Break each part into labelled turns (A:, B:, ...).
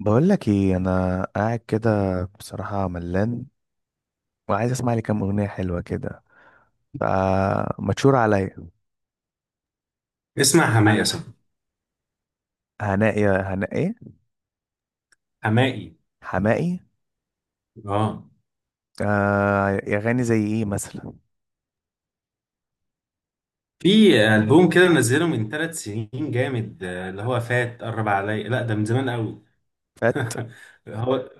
A: بقول لك ايه، انا قاعد كده. بصراحه ملان، وعايز اسمع لي كام اغنيه حلوه كده، فمتشور عليا.
B: اسمع حماقي صح.
A: هناء يا هناء ايه؟
B: حماقي.
A: حماقي.
B: اه،
A: آه يا غني، زي ايه مثلا؟
B: في ألبوم كده منزله من 3 سنين جامد اللي هو فات قرب عليا. لا، ده من زمان قوي.
A: فات.
B: هو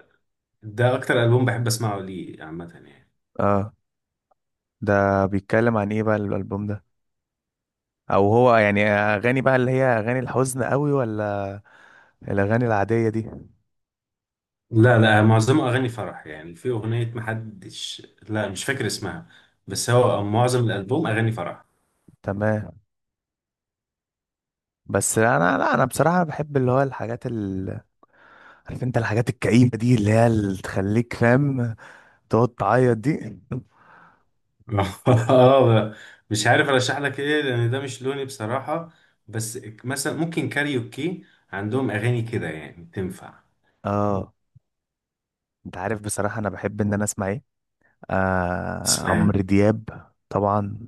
B: ده أكتر ألبوم بحب أسمعه ليه عامة يعني.
A: اه، ده بيتكلم عن ايه بقى الالبوم ده؟ او هو يعني اغاني بقى اللي هي اغاني الحزن قوي، ولا الاغاني العاديه دي؟
B: لا لا، معظمه أغاني فرح يعني. في أغنية، محدش، لا، مش فاكر اسمها، بس هو معظم الألبوم أغاني فرح.
A: تمام. بس انا لا انا بصراحه بحب اللي هو الحاجات عارف انت الحاجات الكئيبه دي، اللي هي اللي تخليك فاهم، تقعد تعيط دي.
B: اه، مش عارف ارشح لك ايه لان ده مش لوني بصراحة. بس مثلا ممكن كاريوكي، عندهم اغاني كده يعني تنفع
A: اه، انت عارف بصراحة انا بحب ان انا اسمع ايه؟ آه،
B: تسمعها.
A: عمرو دياب طبعا.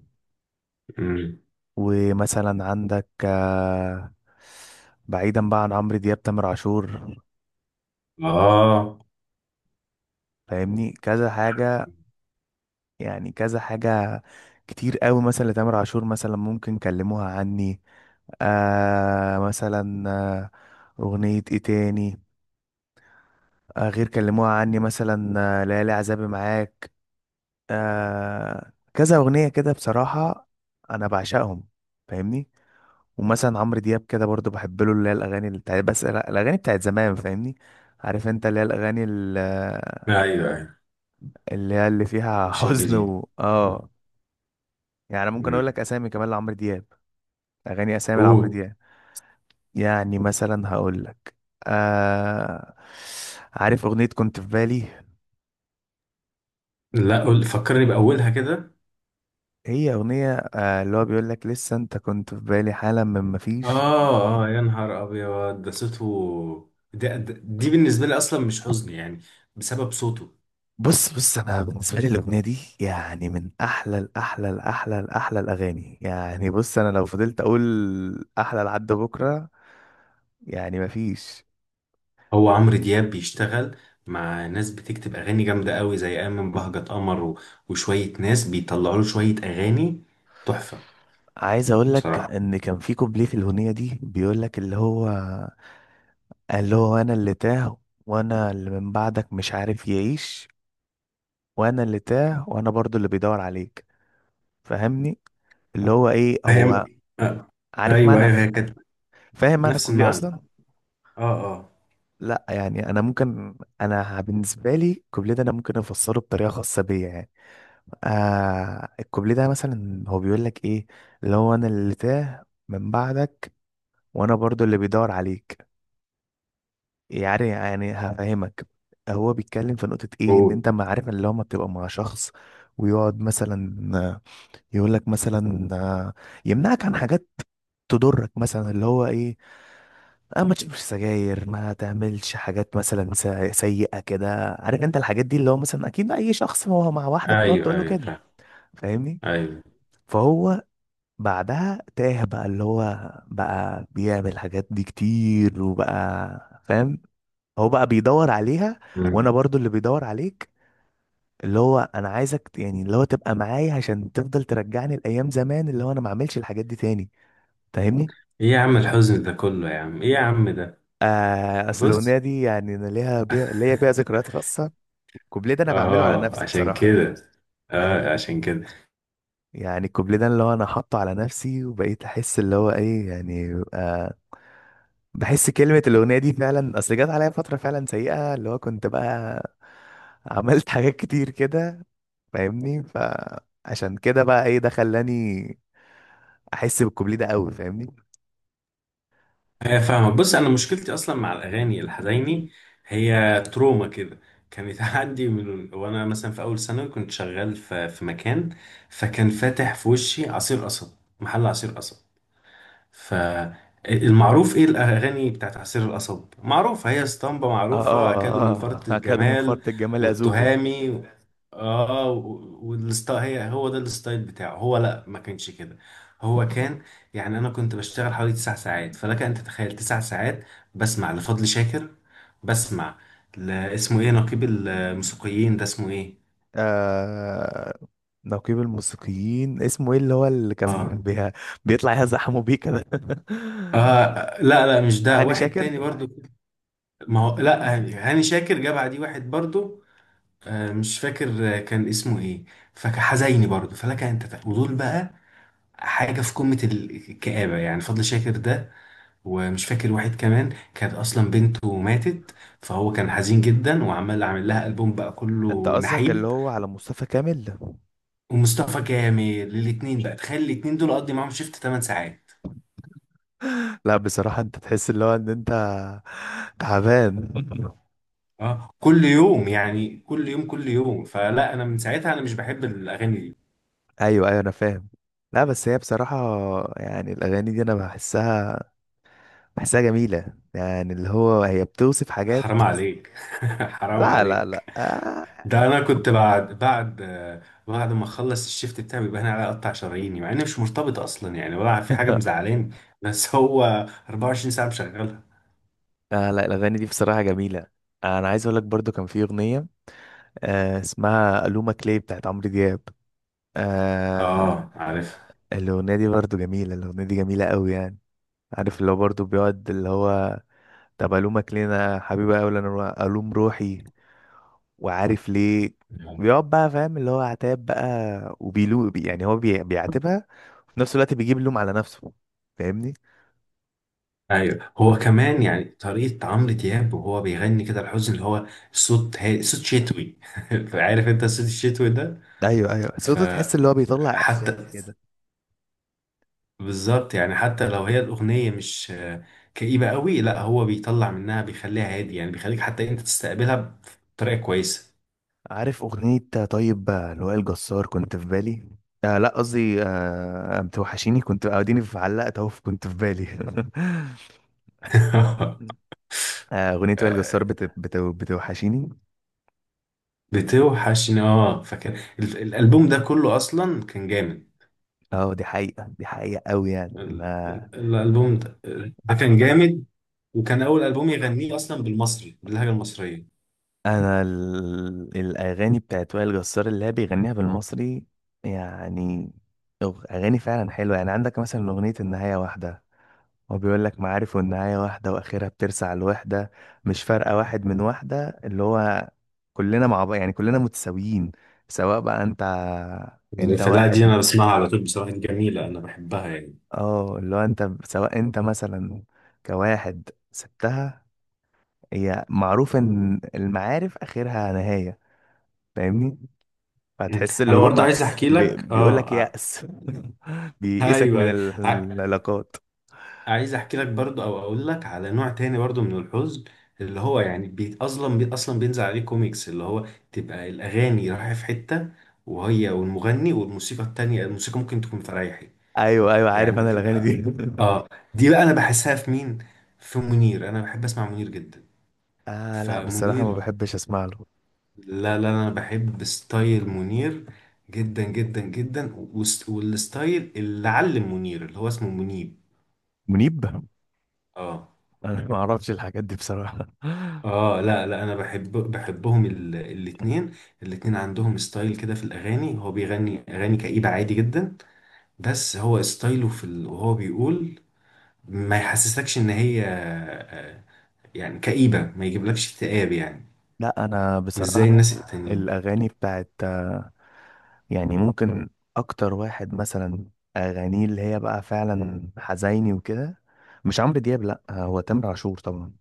A: ومثلا عندك بعيدا بقى عن عمرو دياب، تامر عاشور.
B: اه،
A: فاهمني، كذا حاجة، يعني كذا حاجة كتير قوي مثلا لتامر عاشور. مثلا ممكن كلموها عني، آه مثلا آه، اغنية ايه تاني؟ غير كلموها عني مثلا، ليالي عذابي معاك، كذا أغنية كده بصراحة. أنا بعشقهم، فاهمني. ومثلا عمرو دياب كده برضو بحب له اللي هي الأغاني اللي بتاعت، بس الأغاني بتاعت زمان، فاهمني. عارف أنت اللي هي الأغاني
B: ايوه ايوه،
A: اللي هي اللي فيها
B: مش
A: حزن
B: الجديد.
A: و. يعني ممكن أقول لك
B: مم.
A: أسامي كمان لعمرو دياب، أغاني أسامي لعمرو
B: قول.
A: دياب. يعني مثلا هقول لك، آه عارف أغنية كنت في بالي؟
B: لا، قول فكرني بأولها كده.
A: هي أغنية، اللي هو بيقول لك لسه أنت كنت في بالي حالا من مفيش.
B: اه اه، يا نهار ابيض ده صوته، دي بالنسبة لي اصلا مش حزن يعني، بسبب صوته.
A: بص انا بالنسبه لي الاغنيه دي يعني من احلى الاحلى الاحلى الاحلى الاغاني، يعني بص انا لو فضلت اقول احلى لحد بكره يعني مفيش.
B: هو عمرو دياب بيشتغل مع ناس بتكتب اغاني جامدة قوي زي ايمن بهجت قمر وشوية ناس بيطلعوا له شوية اغاني تحفة.
A: عايز اقول لك
B: بصراحة
A: ان كان في كوبليه في الاغنيه دي بيقول لك اللي هو، اللي هو انا اللي تاه، وانا اللي من بعدك مش عارف يعيش، وانا اللي تاه وانا برضو اللي بيدور عليك، فاهمني؟ اللي هو ايه
B: هي
A: هو؟
B: آه.
A: عارف
B: ايوه
A: معنى،
B: ايوه، هي كانت
A: فاهم معنى
B: نفس
A: الكوبليه
B: المعنى.
A: اصلا؟
B: اه اه.
A: لا يعني انا ممكن، انا بالنسبه لي الكوبليه ده انا ممكن افسره بطريقه خاصه بيا يعني. الكوبليه ده مثلا هو بيقول لك ايه؟ اللي هو انا اللي تاه من بعدك، وانا برضو اللي بيدور عليك. يعني هفهمك. هو بيتكلم في نقطه ايه، ان
B: قول.
A: انت ما عارف اللي هو ما بتبقى مع شخص ويقعد مثلا يقول لك مثلا، يمنعك عن حاجات تضرك، مثلا اللي هو ايه؟ اه، ما تشربش سجاير، ما تعملش حاجات مثلا سيئة كده، عارف انت الحاجات دي، اللي هو مثلا اكيد اي شخص ما هو مع واحدة بتقعد تقول
B: ايوه
A: له
B: ايوه،
A: كده،
B: فاهم.
A: فاهمني.
B: ايوه.
A: فهو بعدها تاه، بقى اللي هو بقى بيعمل الحاجات دي كتير وبقى فاهم، هو بقى بيدور عليها. وانا برضو اللي بيدور عليك، اللي هو انا عايزك يعني اللي هو تبقى معايا عشان تفضل ترجعني لايام زمان، اللي هو انا ما اعملش الحاجات دي تاني، فاهمني.
B: ايه يا عم الحزن ده كله يا عم، ايه يا عم ده؟
A: اصل
B: بص.
A: الاغنيه دي يعني انا ليها بيها ليا بيها ذكريات خاصه. الكوبليه ده انا بعمله على
B: اه،
A: نفسي
B: عشان
A: بصراحه،
B: كده. اه،
A: فاهم.
B: عشان كده.
A: يعني الكوبليه ده اللي هو انا حاطه على نفسي وبقيت احس اللي هو ايه يعني، بحس كلمه الاغنيه دي فعلا، اصل جت عليا فتره فعلا سيئه، اللي هو كنت بقى عملت حاجات كتير كده، فاهمني. فعشان كده بقى ايه، ده خلاني احس بالكوبليه ده قوي، فاهمني.
B: هي فاهمة. بص، انا مشكلتي اصلا مع الاغاني الحزيني، هي تروما كده كانت عندي من وانا مثلا في اول ثانوي. كنت شغال في مكان، فكان فاتح في وشي عصير قصب، محل عصير قصب. فالمعروف ايه الاغاني بتاعت عصير القصب معروفة، هي اسطمبة
A: اه، اه،
B: معروفة، اكادوا من
A: اه،
B: فرط
A: آه. هكذا من
B: الجمال،
A: فرط الجمال اذوبه.
B: والتهامي. اه. والستايل، هي هو ده الستايل بتاعه. هو لا، ما كانش كده. هو كان، يعني انا كنت بشتغل حوالي 9 ساعات. فلك ان تتخيل 9 ساعات بسمع لفضل شاكر. بسمع اسمه ايه، نقيب الموسيقيين ده اسمه ايه، سامي.
A: آه... نقيب الموسيقيين اسمه ايه، اللي هو اللي كان
B: اه
A: بيطلع يزحموا بيه كده؟
B: اه، لا لا، مش ده،
A: هاني
B: واحد
A: شاكر؟
B: تاني برضو. ما هو لا، هاني شاكر جاب عدي واحد برضو. آه مش فاكر كان اسمه ايه. فحزيني برضو، فلك ان تتخيل. ودول بقى حاجة في قمة الكآبة يعني، فضل شاكر ده. ومش فاكر واحد كمان كانت اصلا بنته ماتت، فهو كان حزين جدا، وعمال عامل لها البوم بقى
A: انت
B: كله
A: قصدك اللي
B: نحيب.
A: هو على مصطفى كامل؟
B: ومصطفى كامل، الاتنين بقى. تخيل الاتنين دول اقضي معاهم شيفت 8 ساعات،
A: لا بصراحة انت تحس اللي هو ان انت تعبان.
B: اه، كل يوم يعني، كل يوم كل يوم. فلا انا من ساعتها انا مش بحب الاغاني دي.
A: ايوه، ايوه، انا فاهم. لا بس هي بصراحة، يعني الاغاني دي انا بحسها، بحسها جميلة، يعني اللي هو هي بتوصف حاجات.
B: حرام عليك حرام
A: لا، لا،
B: عليك.
A: لا. آه.
B: ده انا كنت بعد ما اخلص الشيفت بتاعي بيبقى انا على اقطع شراييني، مع اني مش مرتبط اصلا يعني، ولا في حاجه مزعلاني، بس هو 24 ساعه مشغلها.
A: لا، الاغاني دي بصراحة جميلة. انا عايز اقول لك برضو كان في اغنية، اسمها ألومة كلي بتاعت عمرو دياب. آه
B: اه عارف.
A: الأغنية دي برضو جميلة، الأغنية دي جميلة قوي يعني. عارف اللي هو برضو بيقعد اللي هو، طب ألومك ليه أنا حبيبي أوي؟ أنا ألوم روحي، وعارف ليه؟ بيقعد بقى فاهم اللي هو عتاب بقى، يعني هو بيعاتبها، وفي نفس الوقت بيجيب اللوم على نفسه، فاهمني؟
B: ايوه، هو كمان يعني طريقه عمرو دياب وهو بيغني كده الحزن اللي هو صوت صوت شتوي. عارف انت الصوت الشتوي ده.
A: أيوه، أيوه، صوته تحس اللي هو بيطلع
B: فحتى،
A: إحساس كده.
B: بالظبط يعني، حتى لو هي الاغنيه مش كئيبه قوي، لا هو بيطلع منها بيخليها هادي يعني، بيخليك حتى انت تستقبلها بطريقه كويسه.
A: عارف أغنية؟ طيب، لوائل جسار كنت في بالي. لا قصدي بتوحشيني. كنت اديني في علقت اهو كنت في بالي. أغنية وائل
B: آه،
A: جسار بتوحشيني.
B: بتوحشني اه. فكان الالبوم ده كله اصلا كان جامد.
A: اه، دي حقيقة، دي حقيقة قوي يعني. انا،
B: الالبوم ده، ده كان جامد، وكان اول البوم يغنيه اصلا بالمصري، باللهجه المصريه.
A: الاغاني بتاعت وائل جسار اللي هي بيغنيها بالمصري يعني، اغاني فعلا حلوة. يعني عندك مثلا أغنية النهاية واحدة، هو بيقول لك معارف والنهاية واحدة وآخرها بترسع الوحدة، مش فارقة واحد من واحدة، اللي هو كلنا مع بعض، يعني كلنا متساويين. سواء بقى انت، انت
B: الفلاحه دي انا
A: واحد.
B: بسمعها على طول بصراحه، جميله انا بحبها يعني.
A: اه اللي هو انت سواء انت مثلا كواحد سبتها، هي معروف ان المعارف آخرها نهاية، فاهمني.
B: م.
A: فتحس اللي
B: انا
A: هو
B: برضو
A: ما
B: عايز احكي لك
A: بيقول لك
B: اه
A: يأس، بيئسك
B: ايوه
A: من
B: أيوة. ع-
A: العلاقات.
B: عايز احكي لك برضو، او اقول لك على نوع تاني برضو من الحزن، اللي هو يعني بيت اصلا بي اصلا بينزل عليه كوميكس، اللي هو تبقى الاغاني رايحه في حته، وهي والمغني، والموسيقى التانية الموسيقى ممكن تكون فريحي،
A: ايوه، ايوه، عارف
B: يعني
A: انا
B: دي.
A: الاغاني دي.
B: اه، دي بقى انا بحسها في مين؟ في منير. انا بحب اسمع منير جدا.
A: لا بصراحة ما
B: فمنير،
A: بحبش اسمع له.
B: لا لا، انا بحب ستايل منير جدا جدا جدا. والستايل اللي علم منير اللي هو اسمه منيب.
A: منيب؟
B: اه.
A: انا ما اعرفش الحاجات دي بصراحه.
B: اه لا لا، انا بحبهم الاتنين. الاتنين عندهم ستايل كده في الاغاني. هو بيغني اغاني كئيبة عادي جدا، بس هو ستايله وهو بيقول ما يحسسكش ان هي يعني كئيبة، ما يجيبلكش اكتئاب يعني،
A: لا انا
B: مش
A: بصراحه،
B: زي الناس التانيين.
A: الاغاني بتاعت يعني ممكن اكتر واحد مثلا اغانيه اللي هي بقى فعلا حزيني وكده، مش عمرو دياب، لا هو تامر عاشور طبعا.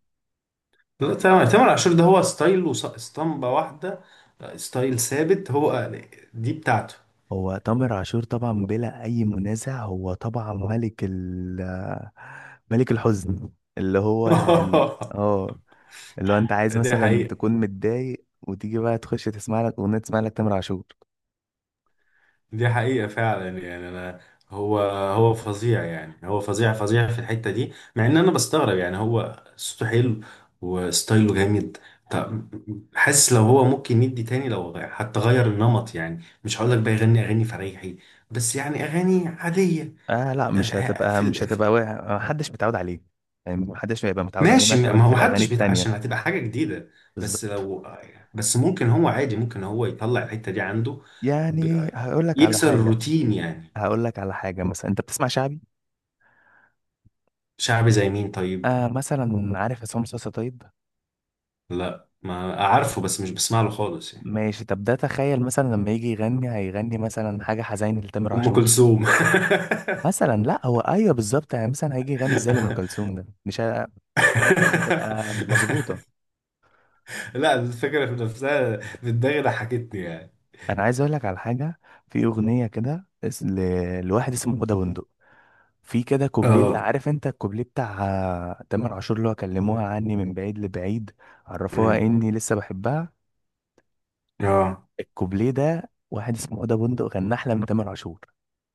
B: لا، تامر عاشور ده هو ستايل واسطمبة واحدة، ستايل ثابت. هو دي بتاعته.
A: هو تامر عاشور طبعا بلا اي منازع، هو طبعا ملك ملك الحزن. اللي هو يعني، اه اللي هو انت عايز
B: دي
A: مثلا
B: حقيقة،
A: تكون متضايق، وتيجي بقى تخش تسمع لك اغنيه، تسمع لك تامر عاشور.
B: دي حقيقة فعلا يعني أنا، هو هو فظيع يعني، هو فظيع فظيع في الحتة دي، مع إن أنا بستغرب يعني، هو صوته حلو وستايله جامد. طب، حاسس لو هو ممكن يدي تاني، لو حتى غير النمط يعني، مش هقول لك بقى يغني أغاني فريحي، بس يعني أغاني عادية.
A: لا مش
B: آه، في
A: هتبقى
B: ال-
A: مش هتبقى محدش متعود عليه. يعني محدش هيبقى متعود عليه
B: ماشي،
A: مثلا
B: ما
A: في
B: هو
A: الأغاني
B: محدش بيت
A: التانية.
B: عشان هتبقى حاجة جديدة. بس
A: بالظبط.
B: لو، بس ممكن هو عادي، ممكن هو يطلع الحتة دي عنده.
A: يعني
B: ب-
A: هقول لك على
B: يكسر
A: حاجة،
B: الروتين يعني.
A: هقول لك على حاجة. مثلا أنت بتسمع شعبي؟
B: شعبي زي مين طيب؟
A: مثلا عارف عصام صاصا؟ طيب
B: لا، ما عارفه، بس مش بسمع له خالص يعني.
A: ماشي، طب ده تخيل مثلا لما يجي يغني، هيغني مثلا حاجة حزين لتامر
B: أم
A: عاشور؟
B: كلثوم؟
A: مثلا لا هو أيوه بالظبط، يعني مثلا هيجي يغني زي لأم كلثوم، ده مش هتبقى مظبوطة.
B: لا، الفكرة في نفسها في دماغي ضحكتني يعني.
A: أنا عايز أقول لك على حاجة. في أغنية كده لواحد اسمه هدى بندق، في كده كوبليه، اللي
B: اه.
A: عارف انت الكوبليه بتاع تامر عاشور، اللي هو كلموها عني من بعيد لبعيد، عرفوها
B: أمم.
A: اني لسه بحبها.
B: اه،
A: الكوبليه ده واحد اسمه اوضه بندق غنى احلى من تامر عاشور،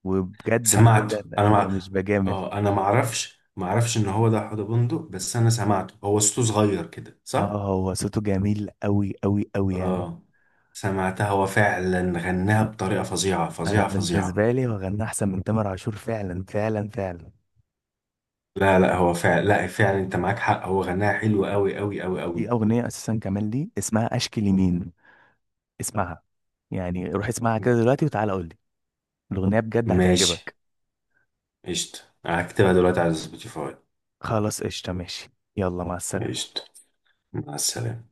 A: وبجد بجد
B: سمعته
A: أنا
B: انا.
A: مش بجامل.
B: اه، انا معرفش، معرفش ان هو ده حوض بندق، بس انا سمعته، هو صوته صغير كده
A: اه
B: صح.
A: هو صوته جميل قوي قوي قوي يعني.
B: اه، سمعتها، هو فعلا غناها بطريقه فظيعه
A: انا
B: فظيعه فظيعه.
A: بالنسبه لي هو غنى احسن من تامر عاشور فعلا فعلا فعلا.
B: لا لا، هو فعلا، لا فعلا، انت معاك حق، هو غناها حلو قوي قوي قوي
A: في
B: قوي.
A: اغنيه اساسا كمان لي اسمها اشكي لمين، اسمعها. يعني روح اسمعها كده دلوقتي وتعالى قول لي، الاغنيه بجد
B: ماشي،
A: هتعجبك.
B: قشطة، هكتبها دلوقتي على سبوتيفاي.
A: خلاص قشطة، ماشي. يلا، مع السلامة.
B: قشطة، مع السلامه.